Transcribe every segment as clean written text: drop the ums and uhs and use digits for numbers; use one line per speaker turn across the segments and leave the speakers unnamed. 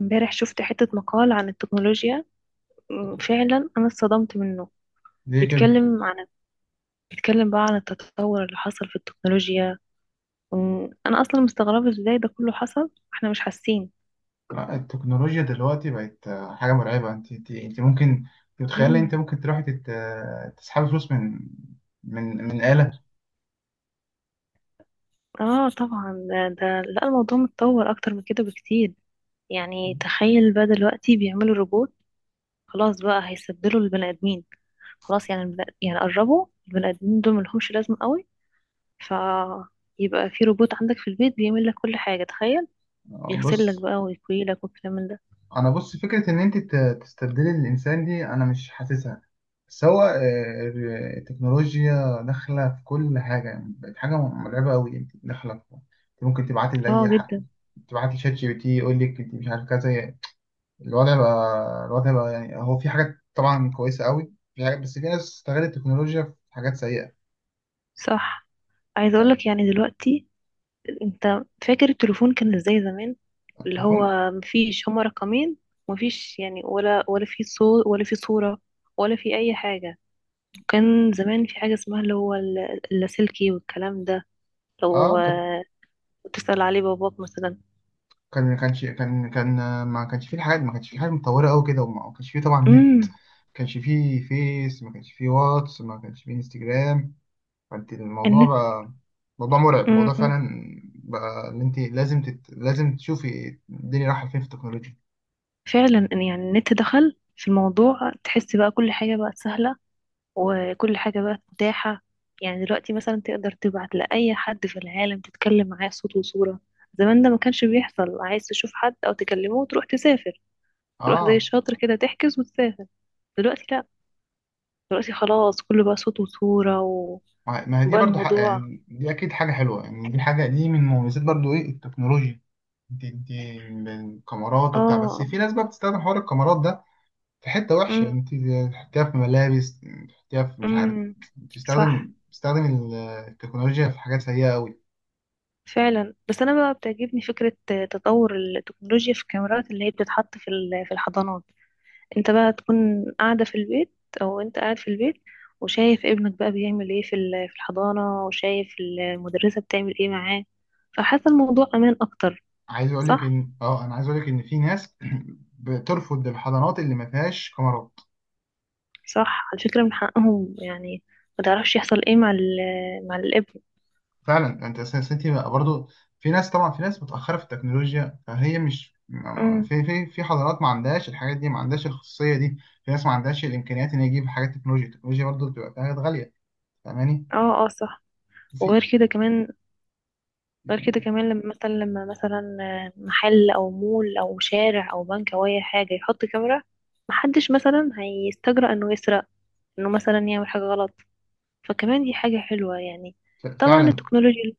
امبارح شفت حتة مقال عن التكنولوجيا. فعلا أنا اتصدمت منه.
ليه كده؟
بيتكلم عن بيتكلم بقى عن التطور اللي حصل في التكنولوجيا. أنا أصلا مستغربة ازاي ده كله حصل، احنا مش حاسين.
لا، التكنولوجيا دلوقتي بقت حاجة مرعبة. انت ممكن تتخيل، انت
مم.
ممكن تروحي تت... آه، تسحبي فلوس من من آلة.
اه طبعا، ده، لا، الموضوع متطور أكتر من كده بكتير. يعني تخيل بقى دلوقتي بيعملوا روبوت. خلاص بقى هيستبدلوا البني آدمين. خلاص، يعني يعني قربوا البني آدمين دول ملهمش لازمة قوي. فيبقى في روبوت عندك في البيت بيعمل لك كل حاجة، تخيل. يغسل لك
بص،
بقى ويكوي لك والكلام من ده.
انا بص فكرة ان انت تستبدلي الانسان دي انا مش حاسسها. بس هو التكنولوجيا داخلة في كل حاجة، يعني بقت حاجة مرعبة قوي. انت داخلة في، انت ممكن تبعتي لأي
اه جدا.
حد، تبعتي شات جي بي تي يقول لك انت مش عارف كذا. الوضع بقى، يعني هو في حاجات طبعا كويسة قوي، في حاجات، بس في ناس استغلت التكنولوجيا في حاجات سيئة.
صح. عايزه اقول
يعني
لك، يعني دلوقتي، انت فاكر التليفون كان ازاي زمان؟ اللي
التليفون،
هو مفيش هما رقمين. مفيش يعني ولا في صوت ولا في صورة، ولا في اي حاجة. كان زمان في حاجة اسمها اللي هو اللاسلكي والكلام ده. لو
اه كان،
تسأل عليه باباك مثلا.
كان ما كانش فيه الحاجات، ما كانش فيه حاجة متطورة قوي كده، وما كانش فيه طبعا نت،
امم
ما كانش فيه فيس، ما كانش فيه واتس، ما كانش فيه انستجرام. فانت الموضوع
النت.
بقى موضوع مرعب، موضوع
امم
فعلا بقى ان انت لازم لازم تشوفي الدنيا رايحة فين في التكنولوجيا.
فعلا، إن يعني النت دخل في الموضوع، تحس بقى كل حاجة بقت سهلة، وكل حاجة بقى متاحة. يعني دلوقتي مثلا تقدر تبعت لأي حد في العالم تتكلم معاه صوت وصورة. زمان ده ما كانش بيحصل. عايز تشوف حد أو تكلمه، وتروح تسافر، تروح زي
اه،
الشاطر كده تحجز وتسافر. دلوقتي لأ. دلوقتي خلاص كله بقى صوت وصورة
ما هي دي
وبقى
برضو حق،
الموضوع.
يعني دي اكيد حاجه حلوه، يعني دي حاجه دي من مميزات برضو ايه التكنولوجيا. دي الكاميرات وبتاع، بس
اه.
في ناس بقى بتستخدم حوار الكاميرات ده في حته وحشه.
امم،
انت تحطيها في ملابس، تحطيها في مش عارف،
امم، صح.
تستخدم التكنولوجيا في حاجات سيئه قوي.
فعلا، بس أنا بقى بتعجبني فكرة تطور التكنولوجيا في الكاميرات اللي هي بتتحط في في الحضانات. انت بقى تكون قاعدة في البيت، او انت قاعد في البيت، وشايف ابنك بقى بيعمل ايه في في الحضانة، وشايف المدرسة بتعمل ايه معاه. فحاسة الموضوع امان اكتر.
عايز اقول لك
صح.
ان اه، عايز اقول لك ان في ناس بترفض الحضانات اللي ما فيهاش كاميرات.
صح، على فكرة من حقهم يعني. ما تعرفش يحصل ايه مع مع الابن.
فعلا انت انت بقى برضو، في ناس طبعا، في ناس متاخره في التكنولوجيا، فهي مش
امم
في في حضارات ما عندهاش الحاجات دي، ما عندهاش الخصوصيه دي. في ناس ما عندهاش الامكانيات ان هي تجيب حاجات تكنولوجيا، التكنولوجيا برضو بتبقى حاجات غاليه، فاهماني؟
اه اه، صح.
في
وغير كده كمان. غير كده كمان، لما مثلا، لما مثلا محل او مول او شارع او بنك او اي حاجة يحط كاميرا، محدش مثلا هيستجرأ انه يسرق، انه مثلا يعمل حاجة غلط. فكمان دي حاجة حلوة يعني. طبعا
فعلا
التكنولوجيا.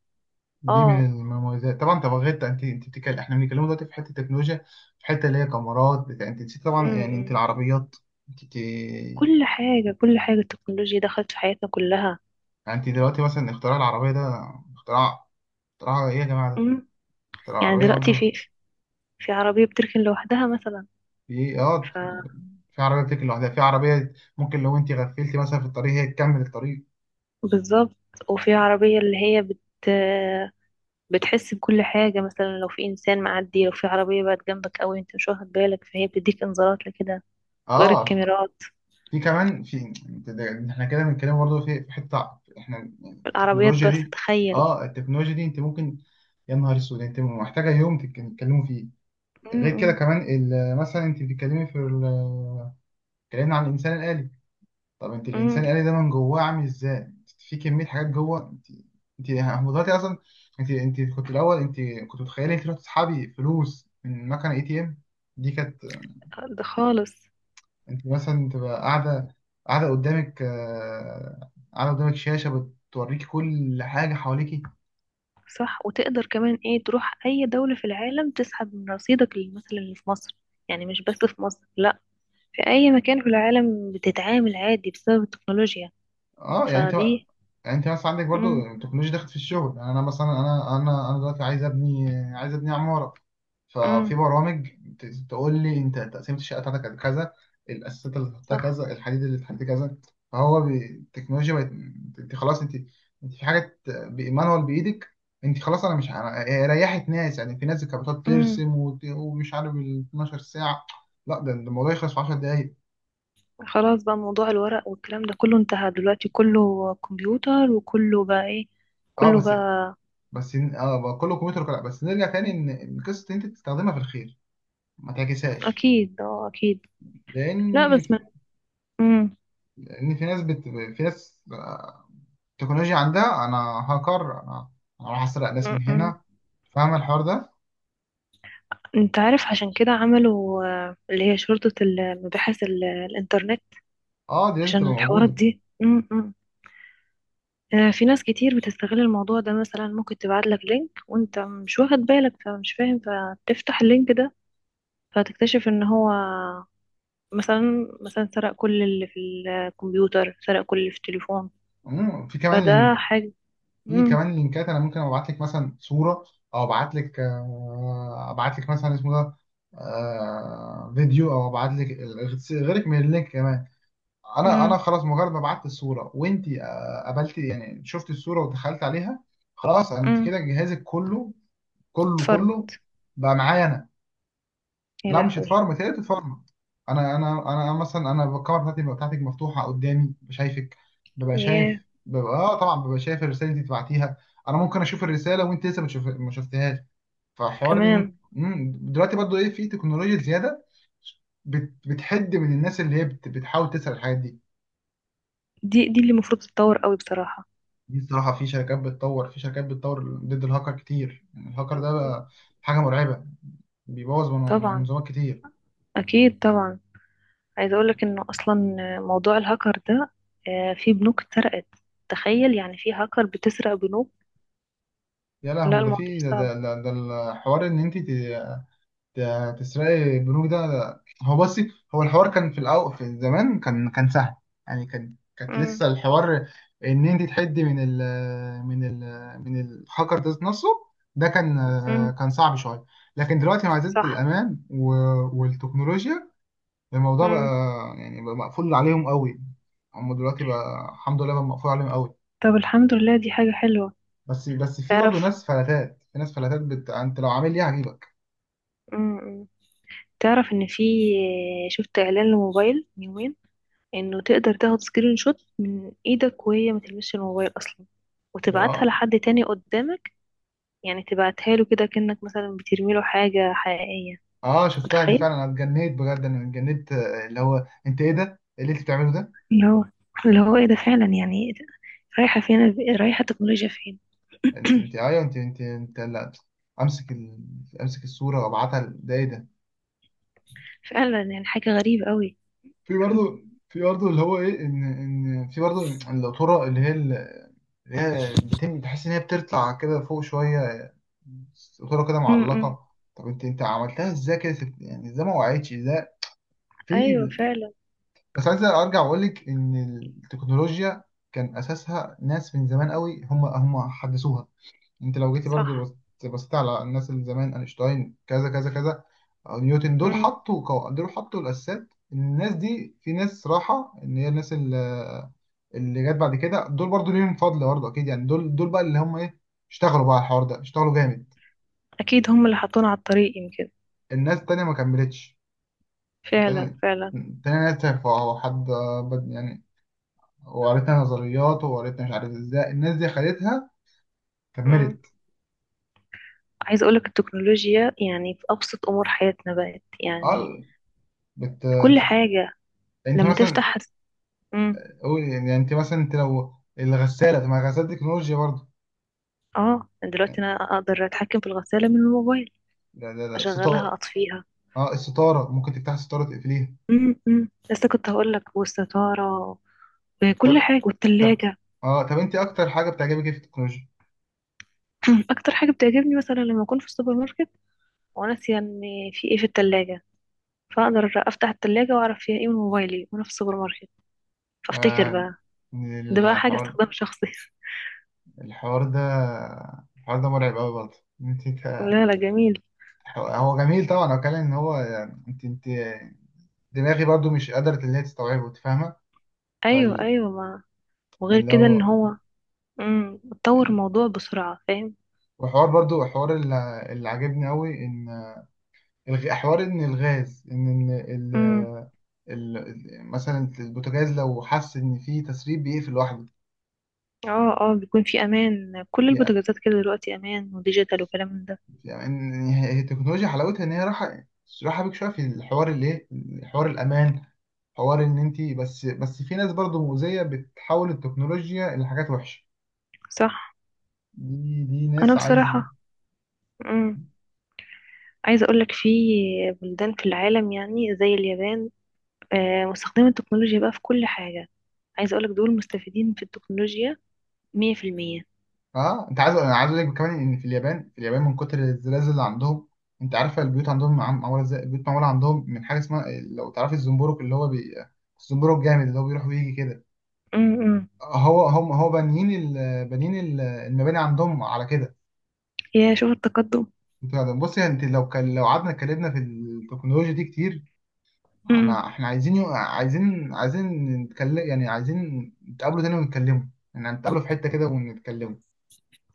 دي من
اه.
المميزات طبعا. طب غير، انت بتتكلم، احنا بنتكلم دلوقتي في حته تكنولوجيا، في حته اللي هي كاميرات بتاع انت نسيت طبعا يعني انت
امم
العربيات. انت
كل حاجة، كل حاجة التكنولوجيا دخلت في حياتنا كلها.
يعني، انت دلوقتي مثلا اختراع العربيه ده، اختراع اختراع ايه يا جماعه ده،
امم
اختراع
يعني
العربيه
دلوقتي
برضو.
في، في عربية بتركن لوحدها مثلا.
في اه،
ف.
في عربية بتجري لوحدها، في عربية ممكن لو انت غفلتي مثلا في الطريق هي تكمل الطريق.
بالظبط. وفي عربية اللي هي بتحس بكل حاجة، مثلا لو في إنسان معدي، لو في عربية بقت جنبك أوي أنت مش واخد بالك، فهي بتديك إنذارات لكده. غير
اه،
الكاميرات.
في كمان، في احنا كده بنتكلم برضه في حتة، احنا يعني
العربيات
التكنولوجيا
بس
دي.
تخيل.
اه التكنولوجيا دي انت ممكن، يا نهار اسود، انت محتاجة يوم تتكلموا فيه. غير كده
امم
كمان مثلا انت بتتكلمي في اتكلمنا عن الانسان الآلي. طب انت
امم
الانسان الالي ده من جواه عامل ازاي؟ انت في كميه حاجات جوه. انت هو دلوقتي اصلا، انت كنت الاول انت كنت متخيله انت تروح تسحبي فلوس من مكنه اي تي ام، دي كانت.
ده خالص.
انت مثلا تبقى قاعده، قدامك قاعده قدامك شاشه بتوريكي كل حاجه حواليكي.
صح. وتقدر كمان ايه تروح اي دولة في العالم تسحب من رصيدك مثلا اللي في مصر. يعني مش بس في مصر، لا، في اي مكان في العالم بتتعامل عادي بسبب التكنولوجيا.
اه يعني انت،
فدي.
يعني انت مثلا عندك برضو
امم،
التكنولوجيا دخلت في الشغل. يعني انا مثلا انا دلوقتي عايز ابني، عايز ابني عماره. ففي
امم،
برامج تقول لي انت تقسيمه الشقه بتاعتك كذا، الاساسات اللي هتحطها
صح.
كذا، الحديد اللي هتحط كذا. فهو التكنولوجيا بقت، انت خلاص، انت في حاجه مانوال بايدك. انت خلاص، انا مش هي ريحت ناس. يعني في ناس كانت بتقعد
امم
ترسم ومش عارف ال 12 ساعه. لا ده ده الموضوع يخلص في 10 دقائق.
خلاص بقى موضوع الورق والكلام ده كله انتهى دلوقتي، كله كمبيوتر وكله بقى ايه،
اه
كله
بس،
بقى.
بقى كله كمبيوتر بس نرجع تاني ان إن قصه إن انت تستخدمها في الخير، ما تعكسهاش.
اكيد، اه، اكيد.
لان،
لا بس ما. امم
لان في ناس بت... في ناس تكنولوجيا عندها، انا هاكر، انا راح اسرق ناس من
إمم.
هنا. فاهم الحوار ده؟
انت عارف عشان كده عملوا اللي هي شرطة المباحث الانترنت.
اه دي لازم
عشان
تبقى
الحوارات
موجوده.
دي. أمم. في ناس كتير بتستغل الموضوع ده، مثلا ممكن تبعت لك لينك وانت مش واخد بالك، فمش فاهم، فتفتح اللينك ده، فتكتشف ان هو مثلا سرق كل اللي في الكمبيوتر، سرق كل اللي في التليفون.
في كمان
فده
لينك،
حاجة.
في
امم
كمان لينكات. انا ممكن ابعت لك مثلا صوره، او ابعت لك ابعت لك مثلا اسمه ده فيديو، او ابعت لك غيرك من اللينك كمان. انا
امم
خلاص مجرد ما بعت الصوره، وانت قبلتي يعني شفت الصوره ودخلت عليها، خلاص انت
امم
كده جهازك كله، كله
اتفرمت.
بقى معايا انا.
يا
لا مش
لهوي.
اتفرمت، هي اتفرمت. انا انا مثلا، انا الكاميرا بتاعتي بتاعتك مفتوحه قدامي شايفك، ببقى
ياه.
شايف، ببقى اه طبعا ببقى شايف الرساله اللي انت بعتيها. انا ممكن اشوف الرساله وانت لسه ما شفتهاش. فحوار
كمان،
دلوقتي برضو ايه في تكنولوجيا زياده بتحد من الناس اللي هي بتحاول تسأل الحاجات دي.
دي اللي المفروض تتطور قوي بصراحة.
دي الصراحة، في شركات بتطور، في شركات بتطور ضد الهاكر كتير. يعني الهاكر ده بقى حاجة مرعبة، بيبوظ
طبعا.
منظومات كتير.
اكيد طبعا. عايزة اقولك انه اصلا موضوع الهاكر ده، في بنوك اتسرقت. تخيل يعني في هاكر بتسرق بنوك.
يا
لا،
لهوي، ده
الموضوع
في ده،
صعب.
ده الحوار ان انت تسرقي بنوك ده. هو بصي، هو الحوار كان في الأول، في زمان كان، سهل. يعني كانت
امم،
لسه الحوار ان انت تحدي من ال من ال من الهاكر ده نفسه. ده كان،
امم،
كان صعب شوية. لكن دلوقتي مع زيادة
صح.
الأمان والتكنولوجيا، الموضوع بقى،
امم
يعني بقى مقفول عليهم قوي. هم دلوقتي بقى الحمد لله بقى مقفول عليهم قوي.
طب الحمد لله، دي حاجة حلوة.
بس بس في برضه
تعرف.
ناس فلاتات، في ناس فلاتات انت لو عامل ليه هجيبك.
امم تعرف ان في، شفت اعلان لموبايل من يومين، انه تقدر تاخد سكرين شوت من ايدك وهي ما تلمسش الموبايل اصلا،
اللي
وتبعتها
هو-
لحد تاني قدامك. يعني تبعتها له كده كأنك مثلا بترمي له حاجة حقيقية.
اه شفتها دي
متخيل.
فعلا، انا اتجنيت بجد، انا اتجنيت اللي هو انت ايه ده؟ ايه اللي انت بتعمله ده؟
اللي هو اللي هو ايه ده فعلا يعني. رايحة فين. رايحة التكنولوجيا فين.
انت، انت لا، امسك امسك الصوره وابعتها ده ايه ده؟
فعلا يعني حاجة غريبة قوي.
في برضه، اللي هو ايه ان ان في برضه الطرق اللي هي اللي هي بتم تحس ان هي بتطلع كده فوق شويه، الصورة كده
امم
معلقة. طب انت، عملتها ازاي كده يعني ازاي ما وقعتش، ازاي في؟
ايوه فعلا.
بس عايز ارجع واقول لك ان التكنولوجيا كان اساسها ناس من زمان قوي، هم حدثوها. انت لو جيتي برضو
صح.
بصيت على الناس اللي زمان، اينشتاين كذا كذا كذا، أو نيوتن، دول
امم
حطوا دول حطوا الاساسات. الناس دي في ناس راحة ان هي الناس اللي، اللي جت بعد كده دول برضو ليهم فضل برضو اكيد، يعني دول، بقى اللي هم ايه، اشتغلوا بقى على الحوار ده، اشتغلوا جامد.
اكيد هم اللي حطونا على الطريق يمكن.
الناس التانية ما كملتش.
فعلا
التاني،
فعلا.
التاني نزل فهو حد بد يعني. وقريتها نظريات وقريتها، مش عارف ازاي الناس دي خدتها
امم
كملت.
عايزة اقولك التكنولوجيا يعني في ابسط امور حياتنا بقت يعني.
اه
في
انت،
كل حاجة.
انت
لما
مثلا
تفتح. امم
قول، يعني انت مثلا انت لو الغسالة، طب ما الغسالة دي تكنولوجيا برضه.
اه، دلوقتي انا اقدر اتحكم في الغسالة من الموبايل،
لا لا لا،
اشغلها
ستارة،
اطفيها.
اه الستارة ممكن تفتح الستارة تقفليها.
لسه كنت هقولك والستارة
طب،
وكل حاجة
طب،
والتلاجة.
اه طب انت اكتر حاجة بتعجبك ايه في التكنولوجيا؟
مم. اكتر حاجه بتعجبني مثلا لما اكون في السوبر ماركت وناسيه ان في ايه في التلاجة، فاقدر افتح التلاجة واعرف فيها ايه من موبايلي وانا في السوبر ماركت، فافتكر
آه،
بقى. ده بقى حاجه
الحوار،
استخدام شخصي.
الحوار ده الحوار ده مرعب قوي برضه. انت
لا لا، جميل.
هو جميل طبعا. هو كان ان هو يعني، انت دماغي برضو مش قدرت ان هي تستوعبه. انت فاهمه؟
ايوه
فاللي
ايوه، ما. وغير كده ان
هو
هو. اتطور
إن-
الموضوع بسرعه، فاهم.
وحوار برضو، حوار اللي عجبني قوي ان حوار ان الغاز ان إن
امم
مثلا البوتاجاز لو حس ان في تسريب بيقفل لوحده.
اه اه، بيكون في امان، كل
يعني،
البوتاجازات كده دلوقتي امان وديجيتال وكلام من ده.
يعني ان هي، هي التكنولوجيا حلاوتها ان هي راحه، بيك شويه في الحوار اللي ايه، حوار الامان، حوار ان انت، بس بس في ناس برضو مؤذيه بتحول التكنولوجيا لحاجات وحشه.
صح.
دي
انا
ناس عايز،
بصراحه. امم عايزه اقولك في بلدان في العالم، يعني زي اليابان، مستخدمين التكنولوجيا بقى في كل حاجة. عايزة أقولك دول مستفيدين في التكنولوجيا مية في المية.
اه انت عايز، انا عايز اقول لك كمان ان في اليابان، من كتر الزلازل اللي عندهم، انت عارفه البيوت عندهم معموله ازاي؟ البيوت معموله عندهم من حاجه اسمها، لو تعرفي، الزنبرك اللي هو الزنبرك الجامد اللي هو بيروح ويجي كده.
أمم.
هو، هو بانيين بانيين المباني عندهم على كده.
يا شوف التقدم.
انت بصي، انت لو كان، لو قعدنا اتكلمنا في التكنولوجيا دي كتير،
أمم.
انا، احنا عايزين عايزين نتكلم. يعني عايزين نتقابلوا تاني ونتكلموا، يعني نتقابلوا في حته كده ونتكلموا.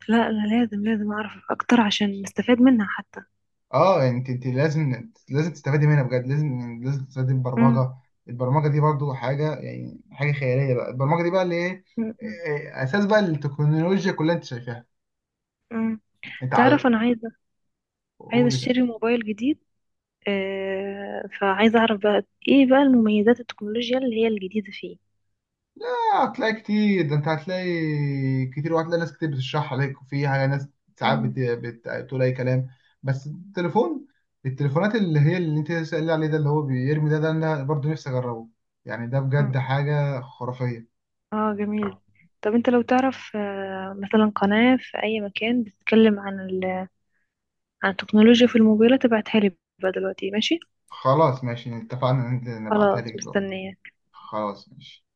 لا، أنا لازم لازم أعرف أكتر عشان نستفاد منها حتى.
اه يعني انت، انت لازم تستفادي منها بجد، لازم تستفادي من
أمم.
البرمجه. البرمجه دي برضو حاجه يعني حاجه خياليه بقى. البرمجه دي بقى اللي ايه،
أمم.
اساس بقى التكنولوجيا كلها. انت شايفاها
أمم.
انت على،
تعرف أنا عايزة،
قول كده.
أشتري موبايل جديد. فعايزة أعرف بقى إيه بقى المميزات التكنولوجيا اللي هي الجديدة فيه.
لا، هتلاقي كتير ده، انت هتلاقي كتير، وهتلاقي ناس كتير بتشرح عليك. وفي حاجه، ناس ساعات
أمم.
بتقول اي كلام. بس التليفون، التليفونات اللي هي اللي انت سألني عليه ده اللي هو بيرمي ده، ده انا برضو نفسي اجربه. يعني ده بجد
أمم.
حاجه خرافيه.
آه جميل. طب أنت لو تعرف، مثلا قناة في أي مكان بتتكلم على التكنولوجيا في الموبايلات، ابعتها لي بقى دلوقتي، ماشي؟
خلاص ماشي، اتفقنا ان انت نبعتها لك
خلاص
دلوقتي.
مستنية.
خلاص ماشي.